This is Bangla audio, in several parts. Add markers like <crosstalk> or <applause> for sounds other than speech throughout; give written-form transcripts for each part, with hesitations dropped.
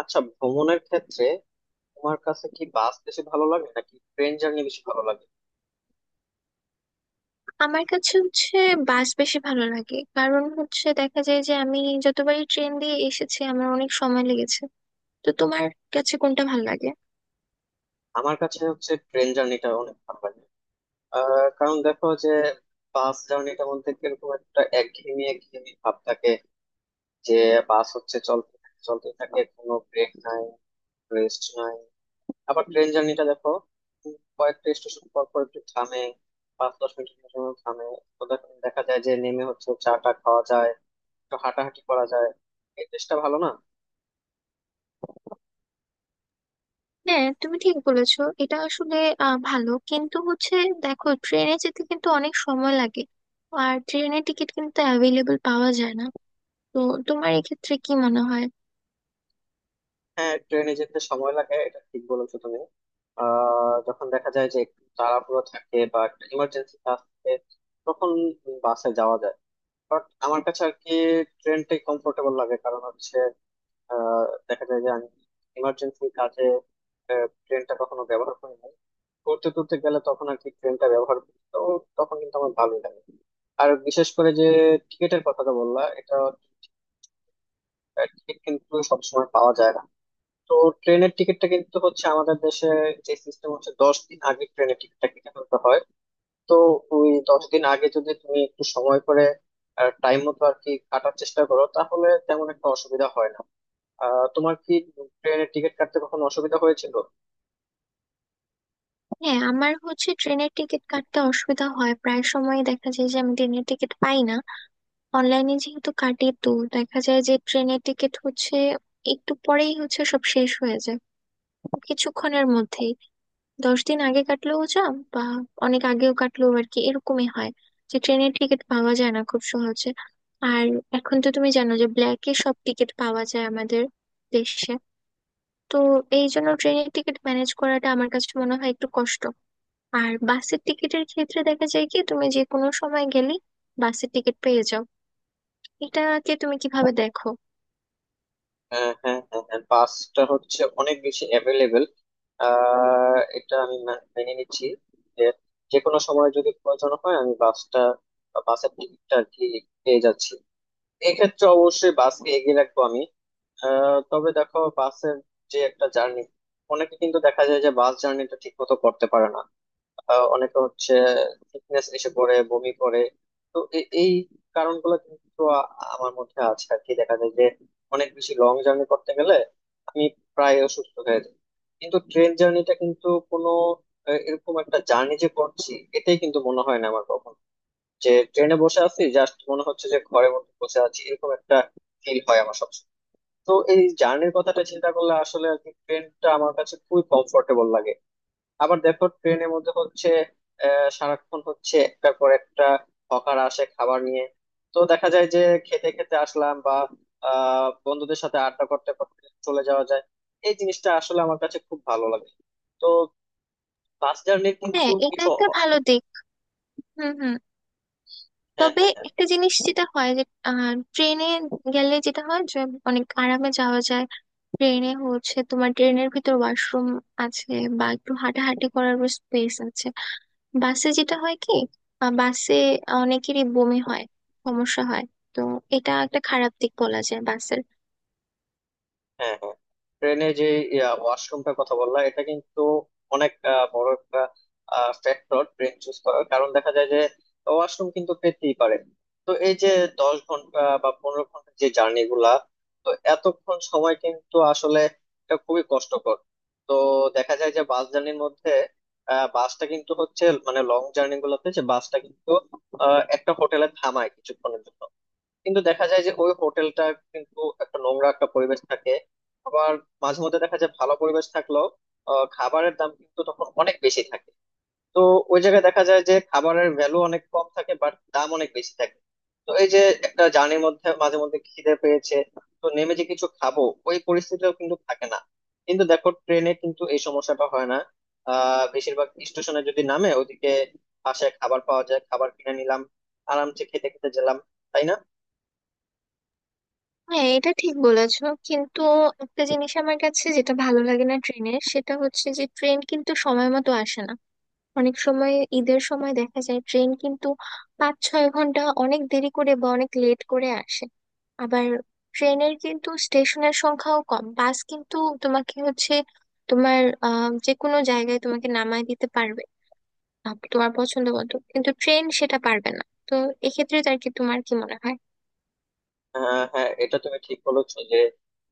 আচ্ছা, ভ্রমণের ক্ষেত্রে তোমার কাছে কি বাস বেশি ভালো লাগে নাকি ট্রেন জার্নি বেশি ভালো লাগে? আমার কাছে হচ্ছে বাস বেশি ভালো লাগে, কারণ হচ্ছে দেখা যায় যে আমি যতবারই ট্রেন দিয়ে এসেছি আমার অনেক সময় লেগেছে। তো তোমার কাছে কোনটা ভালো লাগে? আমার কাছে হচ্ছে ট্রেন জার্নিটা অনেক ভালো লাগে। কারণ দেখো যে বাস জার্নিটার মধ্যে কিরকম একটা একঘেয়েমি একঘেয়েমি ভাব থাকে যে বাস হচ্ছে চলতে থাকে চলতে থাকে, কোনো ব্রেক নাই, রেস্ট নাই। আবার ট্রেন জার্নিটা দেখো, কয়েকটা স্টেশন পর পর একটু থামে, 5-10 মিনিটের জন্য থামে। তো দেখা যায় যে নেমে হচ্ছে চা টা খাওয়া যায়, একটু হাঁটাহাঁটি করা যায়। এই দেশটা ভালো না। হ্যাঁ, তুমি ঠিক বলেছো, এটা আসলে ভালো। কিন্তু হচ্ছে দেখো, ট্রেনে যেতে কিন্তু অনেক সময় লাগে, আর ট্রেনের টিকিট কিন্তু অ্যাভেলেবল পাওয়া যায় না। তো তোমার এক্ষেত্রে কি মনে হয়? হ্যাঁ, ট্রেনে যেতে সময় লাগে, এটা ঠিক বলেছো তুমি। যখন দেখা যায় যে একটু তাড়াহুড়ো থাকে বা একটা ইমার্জেন্সি কাজ থাকে, তখন বাসে যাওয়া যায়। বাট আমার কাছে আর কি ট্রেনটাই কমফোর্টেবল লাগে। কারণ হচ্ছে আহ দেখা যায় যে আমি ইমার্জেন্সি কাজে ট্রেনটা কখনো ব্যবহার করি নাই। ঘুরতে টুরতে গেলে তখন আর কি ট্রেনটা ব্যবহার করি, তো তখন কিন্তু আমার ভালোই লাগে। আর বিশেষ করে যে টিকিটের কথাটা বললা, এটা টিকিট কিন্তু সবসময় পাওয়া যায় না। তো ট্রেনের টিকিটটা কিন্তু হচ্ছে আমাদের দেশে যে সিস্টেম হচ্ছে, 10 দিন আগে ট্রেনের টিকিটটা কেটে ফেলতে হয়। তো ওই 10 দিন আগে যদি তুমি একটু সময় করে টাইম মতো আর কি কাটার চেষ্টা করো, তাহলে তেমন একটা অসুবিধা হয় না। তোমার কি ট্রেনের টিকিট কাটতে কখনো অসুবিধা হয়েছিল? হ্যাঁ, আমার হচ্ছে ট্রেনের টিকিট কাটতে অসুবিধা হয়, প্রায় সময় দেখা যায় যে আমি ট্রেনের টিকিট পাই না। অনলাইনে যেহেতু কাটি, তো দেখা যায় যে ট্রেনের টিকিট হচ্ছে একটু পরেই হচ্ছে সব শেষ হয়ে যায় কিছুক্ষণের মধ্যেই। 10 দিন আগে কাটলেও যা, বা অনেক আগেও কাটলেও আর কি এরকমই হয়, যে ট্রেনের টিকিট পাওয়া যায় না খুব সহজে। আর এখন তো তুমি জানো যে ব্ল্যাকে সব টিকিট পাওয়া যায় আমাদের দেশে। তো এই জন্য ট্রেনের টিকিট ম্যানেজ করাটা আমার কাছে মনে হয় একটু কষ্ট। আর বাসের টিকিটের ক্ষেত্রে দেখা যায় কি তুমি যে কোনো সময় গেলে বাসের টিকিট পেয়ে যাও। এটাকে তুমি কিভাবে দেখো? হ্যাঁ, হ্যাঁ, হ্যাঁ, হ্যাঁ, বাসটা হচ্ছে অনেক বেশি অ্যাভেলেবেল। এটা আমি মেনে নিচ্ছি যে, যে কোনো সময় যদি প্রয়োজন হয় আমি বাসটা, বাসের টিকিটটা আর কি পেয়ে যাচ্ছি। এক্ষেত্রে অবশ্যই বাসকে এগিয়ে রাখবো আমি। তবে দেখো বাসের যে একটা জার্নি, অনেকে কিন্তু দেখা যায় যে বাস জার্নিটা ঠিক মতো করতে পারে না। অনেকে হচ্ছে ফিটনেস এসে পড়ে বমি করে। তো এই কারণগুলো কিন্তু আমার মধ্যে আছে আর কি। দেখা যায় যে অনেক বেশি লং জার্নি করতে গেলে আমি প্রায় অসুস্থ হয়ে যাই। কিন্তু ট্রেন জার্নিটা কিন্তু কোনো এরকম একটা জার্নি যে করছি, এটাই কিন্তু মনে হয় না আমার কখনো। যে ট্রেনে বসে আছি জাস্ট মনে হচ্ছে যে ঘরের মধ্যে বসে আছি, এরকম একটা ফিল হয় আমার সবসময়। তো এই জার্নির কথাটা চিন্তা করলে আসলে আর কি ট্রেনটা আমার কাছে খুবই কমফোর্টেবল লাগে। আবার দেখো ট্রেনের মধ্যে হচ্ছে সারাক্ষণ হচ্ছে একটার পর একটা হকার আসে খাবার নিয়ে। তো দেখা যায় যে খেতে খেতে আসলাম বা বন্ধুদের সাথে আড্ডা করতে করতে চলে যাওয়া যায়। এই জিনিসটা আসলে আমার কাছে খুব ভালো লাগে। তো বাস জার্নি হ্যাঁ, কিন্তু এটা কিছু। একটা ভালো দিক। হুম হুম। হ্যাঁ, তবে হ্যাঁ, হ্যাঁ। একটা জিনিস যেটা হয় যে ট্রেনে গেলে যেটা হয় যে অনেক আরামে যাওয়া যায়। ট্রেনে হচ্ছে তোমার ট্রেনের ভিতর ওয়াশরুম আছে, বা একটু হাঁটাহাঁটি করার স্পেস আছে। বাসে যেটা হয় কি বাসে অনেকেরই বমি হয়, সমস্যা হয়। তো এটা একটা খারাপ দিক বলা যায় বাসের। হ্যাঁ, হ্যাঁ, ট্রেনে যে ওয়াশরুমটার কথা বললা, এটা কিন্তু অনেক বড় একটা ফ্যাক্টর ট্রেন চুজ করার। কারণ দেখা যায় যে ওয়াশরুম কিন্তু পেতেই পারে। তো এই যে 10 ঘন্টা বা 15 ঘন্টা যে জার্নি গুলা, তো এতক্ষণ সময় কিন্তু আসলে এটা খুবই কষ্টকর। তো দেখা যায় যে বাস জার্নির মধ্যে বাসটা কিন্তু হচ্ছে মানে লং জার্নি গুলোতে যে বাসটা কিন্তু একটা হোটেলে থামায় কিছুক্ষণের জন্য। কিন্তু দেখা যায় যে ওই হোটেলটা কিন্তু একটা নোংরা একটা পরিবেশ থাকে। আবার মাঝে মধ্যে দেখা যায় ভালো পরিবেশ থাকলেও খাবারের দাম কিন্তু তখন অনেক বেশি থাকে। তো ওই জায়গায় দেখা যায় যে খাবারের ভ্যালু অনেক কম থাকে, বাট দাম অনেক বেশি থাকে। তো এই যে একটা জার্নির মধ্যে মাঝে মধ্যে খিদে পেয়েছে, তো নেমে যে কিছু খাবো, ওই পরিস্থিতিও কিন্তু থাকে না। কিন্তু দেখো ট্রেনে কিন্তু এই সমস্যাটা হয় না। বেশিরভাগ স্টেশনে যদি নামে ওইদিকে পাশে খাবার পাওয়া যায়, খাবার কিনে নিলাম, আরামসে খেতে খেতে গেলাম, তাই না? হ্যাঁ, এটা ঠিক বলেছো, কিন্তু একটা জিনিস আমার কাছে যেটা ভালো লাগে না ট্রেনের, সেটা হচ্ছে যে ট্রেন কিন্তু সময় মতো আসে না অনেক সময়। ঈদের সময় দেখা যায় ট্রেন কিন্তু 5-6 ঘন্টা অনেক দেরি করে বা অনেক লেট করে আসে। আবার ট্রেনের কিন্তু স্টেশনের সংখ্যাও কম, বাস কিন্তু তোমাকে হচ্ছে তোমার যে কোনো জায়গায় তোমাকে নামায় দিতে পারবে। তোমার পছন্দ মতো কিন্তু ট্রেন সেটা পারবে না। তো এক্ষেত্রে আর কি তোমার কি মনে হয়? হ্যাঁ, হ্যাঁ, এটা তুমি ঠিক বলেছো যে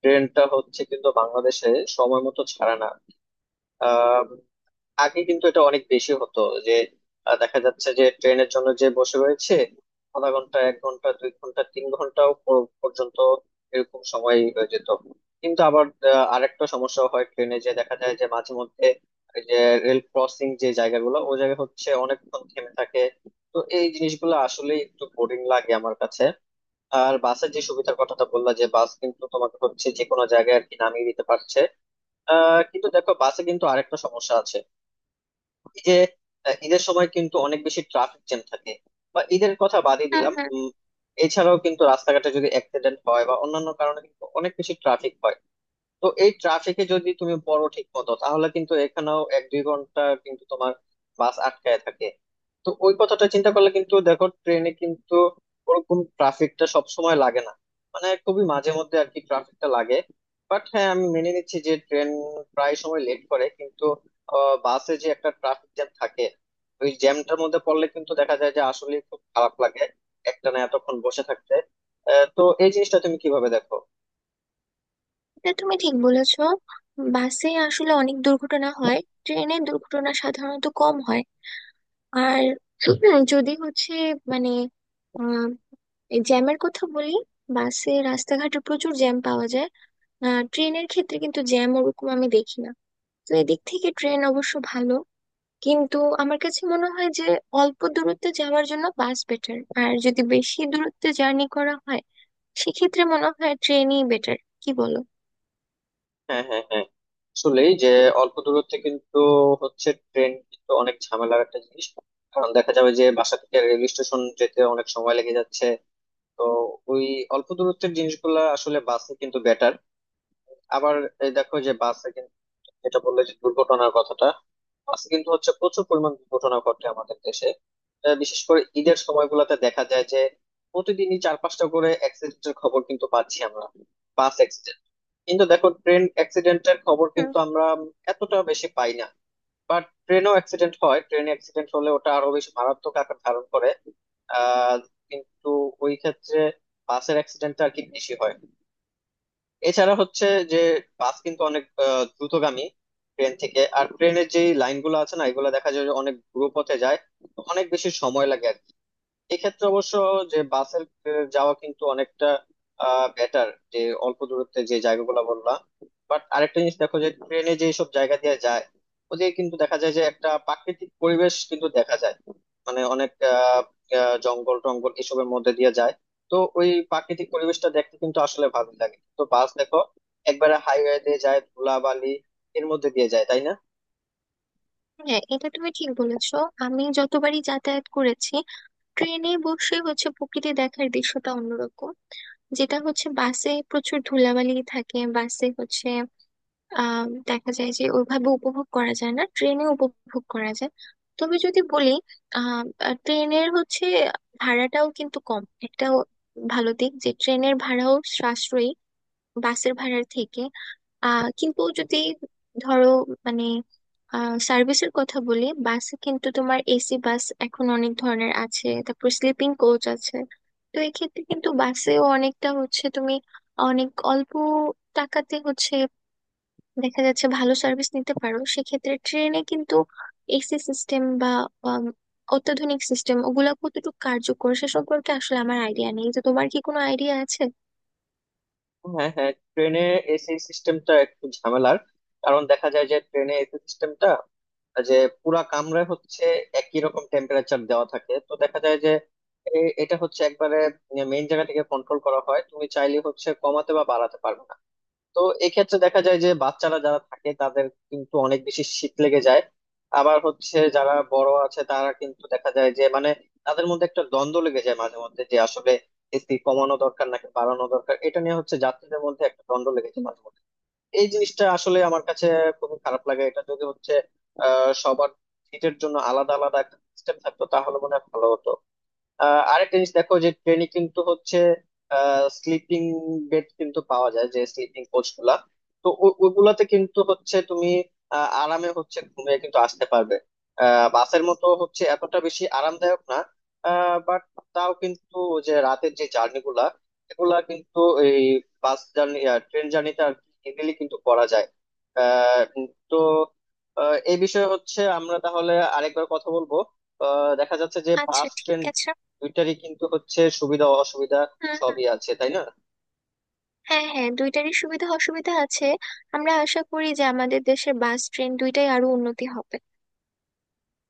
ট্রেনটা হচ্ছে কিন্তু বাংলাদেশে সময় মতো ছাড়ে না। আহ, আগে কিন্তু এটা অনেক বেশি হতো, যে দেখা যাচ্ছে যে ট্রেনের জন্য যে বসে রয়েছে আধা ঘন্টা, 1 ঘন্টা, 2 ঘন্টা, 3 ঘন্টাও পর্যন্ত, এরকম সময় হয়ে যেত। কিন্তু আবার আরেকটা সমস্যা হয় ট্রেনে, যে দেখা যায় যে মাঝে মধ্যে এই যে রেল ক্রসিং যে জায়গাগুলো, ওই জায়গা হচ্ছে অনেকক্ষণ থেমে থাকে। তো এই জিনিসগুলো আসলে একটু বোরিং লাগে আমার কাছে। আর বাসের যে সুবিধার কথাটা বললা, যে বাস কিন্তু তোমাকে হচ্ছে যে কোনো জায়গায় আর কি নামিয়ে দিতে পারছে। কিন্তু দেখো বাসে কিন্তু আরেকটা সমস্যা আছে এই যে ঈদের সময় কিন্তু অনেক বেশি ট্রাফিক জ্যাম থাকে। বা ঈদের কথা বাদই হ্যাঁ দিলাম, হ্যাঁ, এছাড়াও কিন্তু রাস্তাঘাটে যদি অ্যাক্সিডেন্ট হয় বা অন্যান্য কারণে কিন্তু অনেক বেশি ট্রাফিক হয়। তো এই ট্রাফিকে যদি তুমি পড়ো ঠিক মতো, তাহলে কিন্তু এখানেও 1-2 ঘন্টা কিন্তু তোমার বাস আটকায় থাকে। তো ওই কথাটা চিন্তা করলে কিন্তু দেখো ট্রেনে কিন্তু ওরকম ট্রাফিকটা সব সময় লাগে না, মানে খুবই মাঝে মধ্যে আর কি ট্রাফিকটা লাগে। বাট হ্যাঁ, আমি মেনে নিচ্ছি যে ট্রেন প্রায় সময় লেট করে। কিন্তু বাসে যে একটা ট্রাফিক জ্যাম থাকে, ওই জ্যামটার মধ্যে পড়লে কিন্তু দেখা যায় যে আসলে খুব খারাপ লাগে একটানা এতক্ষণ বসে থাকতে। তো এই জিনিসটা তুমি কিভাবে দেখো? এটা তুমি ঠিক বলেছো। বাসে আসলে অনেক দুর্ঘটনা হয়, ট্রেনে দুর্ঘটনা সাধারণত কম হয়। আর <clears throat> যদি হচ্ছে মানে আহ, এই জ্যামের কথা বলি, বাসে রাস্তাঘাটে প্রচুর জ্যাম পাওয়া যায়। ট্রেনের ক্ষেত্রে কিন্তু জ্যাম ওরকম আমি দেখি না। তো এদিক থেকে ট্রেন অবশ্য ভালো। কিন্তু আমার কাছে মনে হয় যে অল্প দূরত্বে যাওয়ার জন্য বাস বেটার, আর যদি বেশি দূরত্বে জার্নি করা হয় সেক্ষেত্রে মনে হয় ট্রেনই বেটার। কি বলো? হ্যাঁ, হ্যাঁ, হ্যাঁ। আসলে যে অল্প দূরত্বে কিন্তু হচ্ছে ট্রেন কিন্তু অনেক ঝামেলার একটা জিনিস। কারণ দেখা যাবে যে বাসা থেকে রেল স্টেশন যেতে অনেক সময় লেগে যাচ্ছে। তো ওই অল্প দূরত্বের জিনিসগুলা আসলে বাসে কিন্তু বেটার। আবার এই দেখো যে বাসে কিন্তু যেটা বললে যে দুর্ঘটনার কথাটা, বাসে কিন্তু হচ্ছে প্রচুর পরিমাণ দুর্ঘটনা ঘটে আমাদের দেশে। বিশেষ করে ঈদের সময়গুলোতে দেখা যায় যে প্রতিদিনই 4-5টা করে অ্যাক্সিডেন্টের খবর কিন্তু পাচ্ছি আমরা। বাস, কিন্তু দেখো ট্রেন অ্যাক্সিডেন্টের খবর হুম, কিন্তু আমরা এতটা বেশি পাই না। বাট ট্রেনও অ্যাক্সিডেন্ট হয়, ট্রেন অ্যাক্সিডেন্ট হলে ওটা আরো বেশি মারাত্মক আকার ধারণ করে। আহ কিন্তু ওই ক্ষেত্রে বাসের অ্যাক্সিডেন্টটা আর কি বেশি হয়। এছাড়া হচ্ছে যে বাস কিন্তু অনেক দ্রুতগামী ট্রেন থেকে। আর ট্রেনের যে লাইনগুলো আছে না, এগুলো দেখা যায় যে অনেক দ্রুত পথে যায়, তো অনেক বেশি সময় লাগে। এক্ষেত্রে অবশ্য যে বাসের যাওয়া কিন্তু অনেকটা বেটার, যে অল্প দূরত্বে যে জায়গাগুলো বললাম। বাট আরেকটা জিনিস দেখো যে ট্রেনে যে সব জায়গা দিয়ে যায়, ওদিকে কিন্তু দেখা যায় যে একটা প্রাকৃতিক পরিবেশ কিন্তু দেখা যায়। মানে অনেক আহ, আহ, জঙ্গল টঙ্গল এসবের মধ্যে দিয়ে যায়। তো ওই প্রাকৃতিক পরিবেশটা দেখতে কিন্তু আসলে ভালো লাগে। তো বাস দেখো একবারে হাইওয়ে দিয়ে যায়, ধুলাবালি এর মধ্যে দিয়ে যায়, তাই না? হ্যাঁ, এটা তুমি ঠিক বলেছো। আমি যতবারই যাতায়াত করেছি ট্রেনে বসে হচ্ছে প্রকৃতি দেখার দৃশ্যটা অন্যরকম। যেটা হচ্ছে বাসে প্রচুর ধুলাবালি থাকে, বাসে হচ্ছে আহ দেখা যায় যে ওইভাবে উপভোগ করা যায় না, ট্রেনে উপভোগ করা যায়। তবে যদি বলি আহ ট্রেনের হচ্ছে ভাড়াটাও কিন্তু কম, একটা ভালো দিক যে ট্রেনের ভাড়াও সাশ্রয়ী বাসের ভাড়ার থেকে। কিন্তু যদি ধরো, মানে সার্ভিসের কথা বলি, বাসে কিন্তু তোমার এসি বাস এখন অনেক ধরনের আছে, তারপর স্লিপিং কোচ আছে। তো এক্ষেত্রে কিন্তু বাসেও অনেকটা হচ্ছে তুমি অনেক অল্প টাকাতে হচ্ছে দেখা যাচ্ছে ভালো সার্ভিস নিতে পারো। সেক্ষেত্রে ট্রেনে কিন্তু এসি সিস্টেম বা আম, অত্যাধুনিক সিস্টেম ওগুলা কতটুকু কার্যকর সে সম্পর্কে আসলে আমার আইডিয়া নেই। তো তোমার কি কোনো আইডিয়া আছে? হ্যাঁ, হ্যাঁ, ট্রেনে এসি সিস্টেমটা একটু ঝামেলার। কারণ দেখা যায় যে ট্রেনে এসি সিস্টেমটা যে পুরা কামরায় হচ্ছে একই রকম টেম্পারেচার দেওয়া থাকে। তো দেখা যায় যে এটা হচ্ছে একবারে মেইন জায়গা থেকে কন্ট্রোল করা হয়, তুমি চাইলে হচ্ছে কমাতে বা বাড়াতে পারবে না। তো এক্ষেত্রে দেখা যায় যে বাচ্চারা যারা থাকে তাদের কিন্তু অনেক বেশি শীত লেগে যায়। আবার হচ্ছে যারা বড় আছে তারা কিন্তু দেখা যায় যে মানে তাদের মধ্যে একটা দ্বন্দ্ব লেগে যায় মাঝে মধ্যে, যে আসলে এসি কমানো দরকার নাকি বাড়ানো দরকার, এটা নিয়ে হচ্ছে যাত্রীদের মধ্যে একটা দ্বন্দ্ব লেগে যায় মাঝে মধ্যে। এই জিনিসটা আসলে আমার কাছে খুবই খারাপ লাগে। এটা যদি হচ্ছে সবার সিটের জন্য আলাদা আলাদা একটা সিস্টেম থাকতো, তাহলে মনে হয় ভালো হতো। আরেকটা জিনিস দেখো যে ট্রেনে কিন্তু হচ্ছে স্লিপিং বেড কিন্তু পাওয়া যায়, যে স্লিপিং কোচ গুলা। তো ওগুলাতে কিন্তু হচ্ছে তুমি আরামে হচ্ছে ঘুমিয়ে কিন্তু আসতে পারবে। বাসের মতো হচ্ছে এতটা বেশি আরামদায়ক না। বাট তাও কিন্তু ওই যে রাতের যে জার্নি গুলা, এগুলা কিন্তু এই বাস জার্নি, ট্রেন জার্নিটা ইজিলি কিন্তু করা যায়। তো এই বিষয়ে হচ্ছে আমরা তাহলে আরেকবার কথা বলবো। দেখা যাচ্ছে যে আচ্ছা বাস ট্রেন ঠিক আছে। দুইটারই কিন্তু হচ্ছে সুবিধা অসুবিধা হুম হুম। সবই আছে, তাই না? হ্যাঁ হ্যাঁ, দুইটারই সুবিধা অসুবিধা আছে। আমরা আশা করি যে আমাদের দেশের বাস ট্রেন দুইটাই আরো উন্নতি হবে।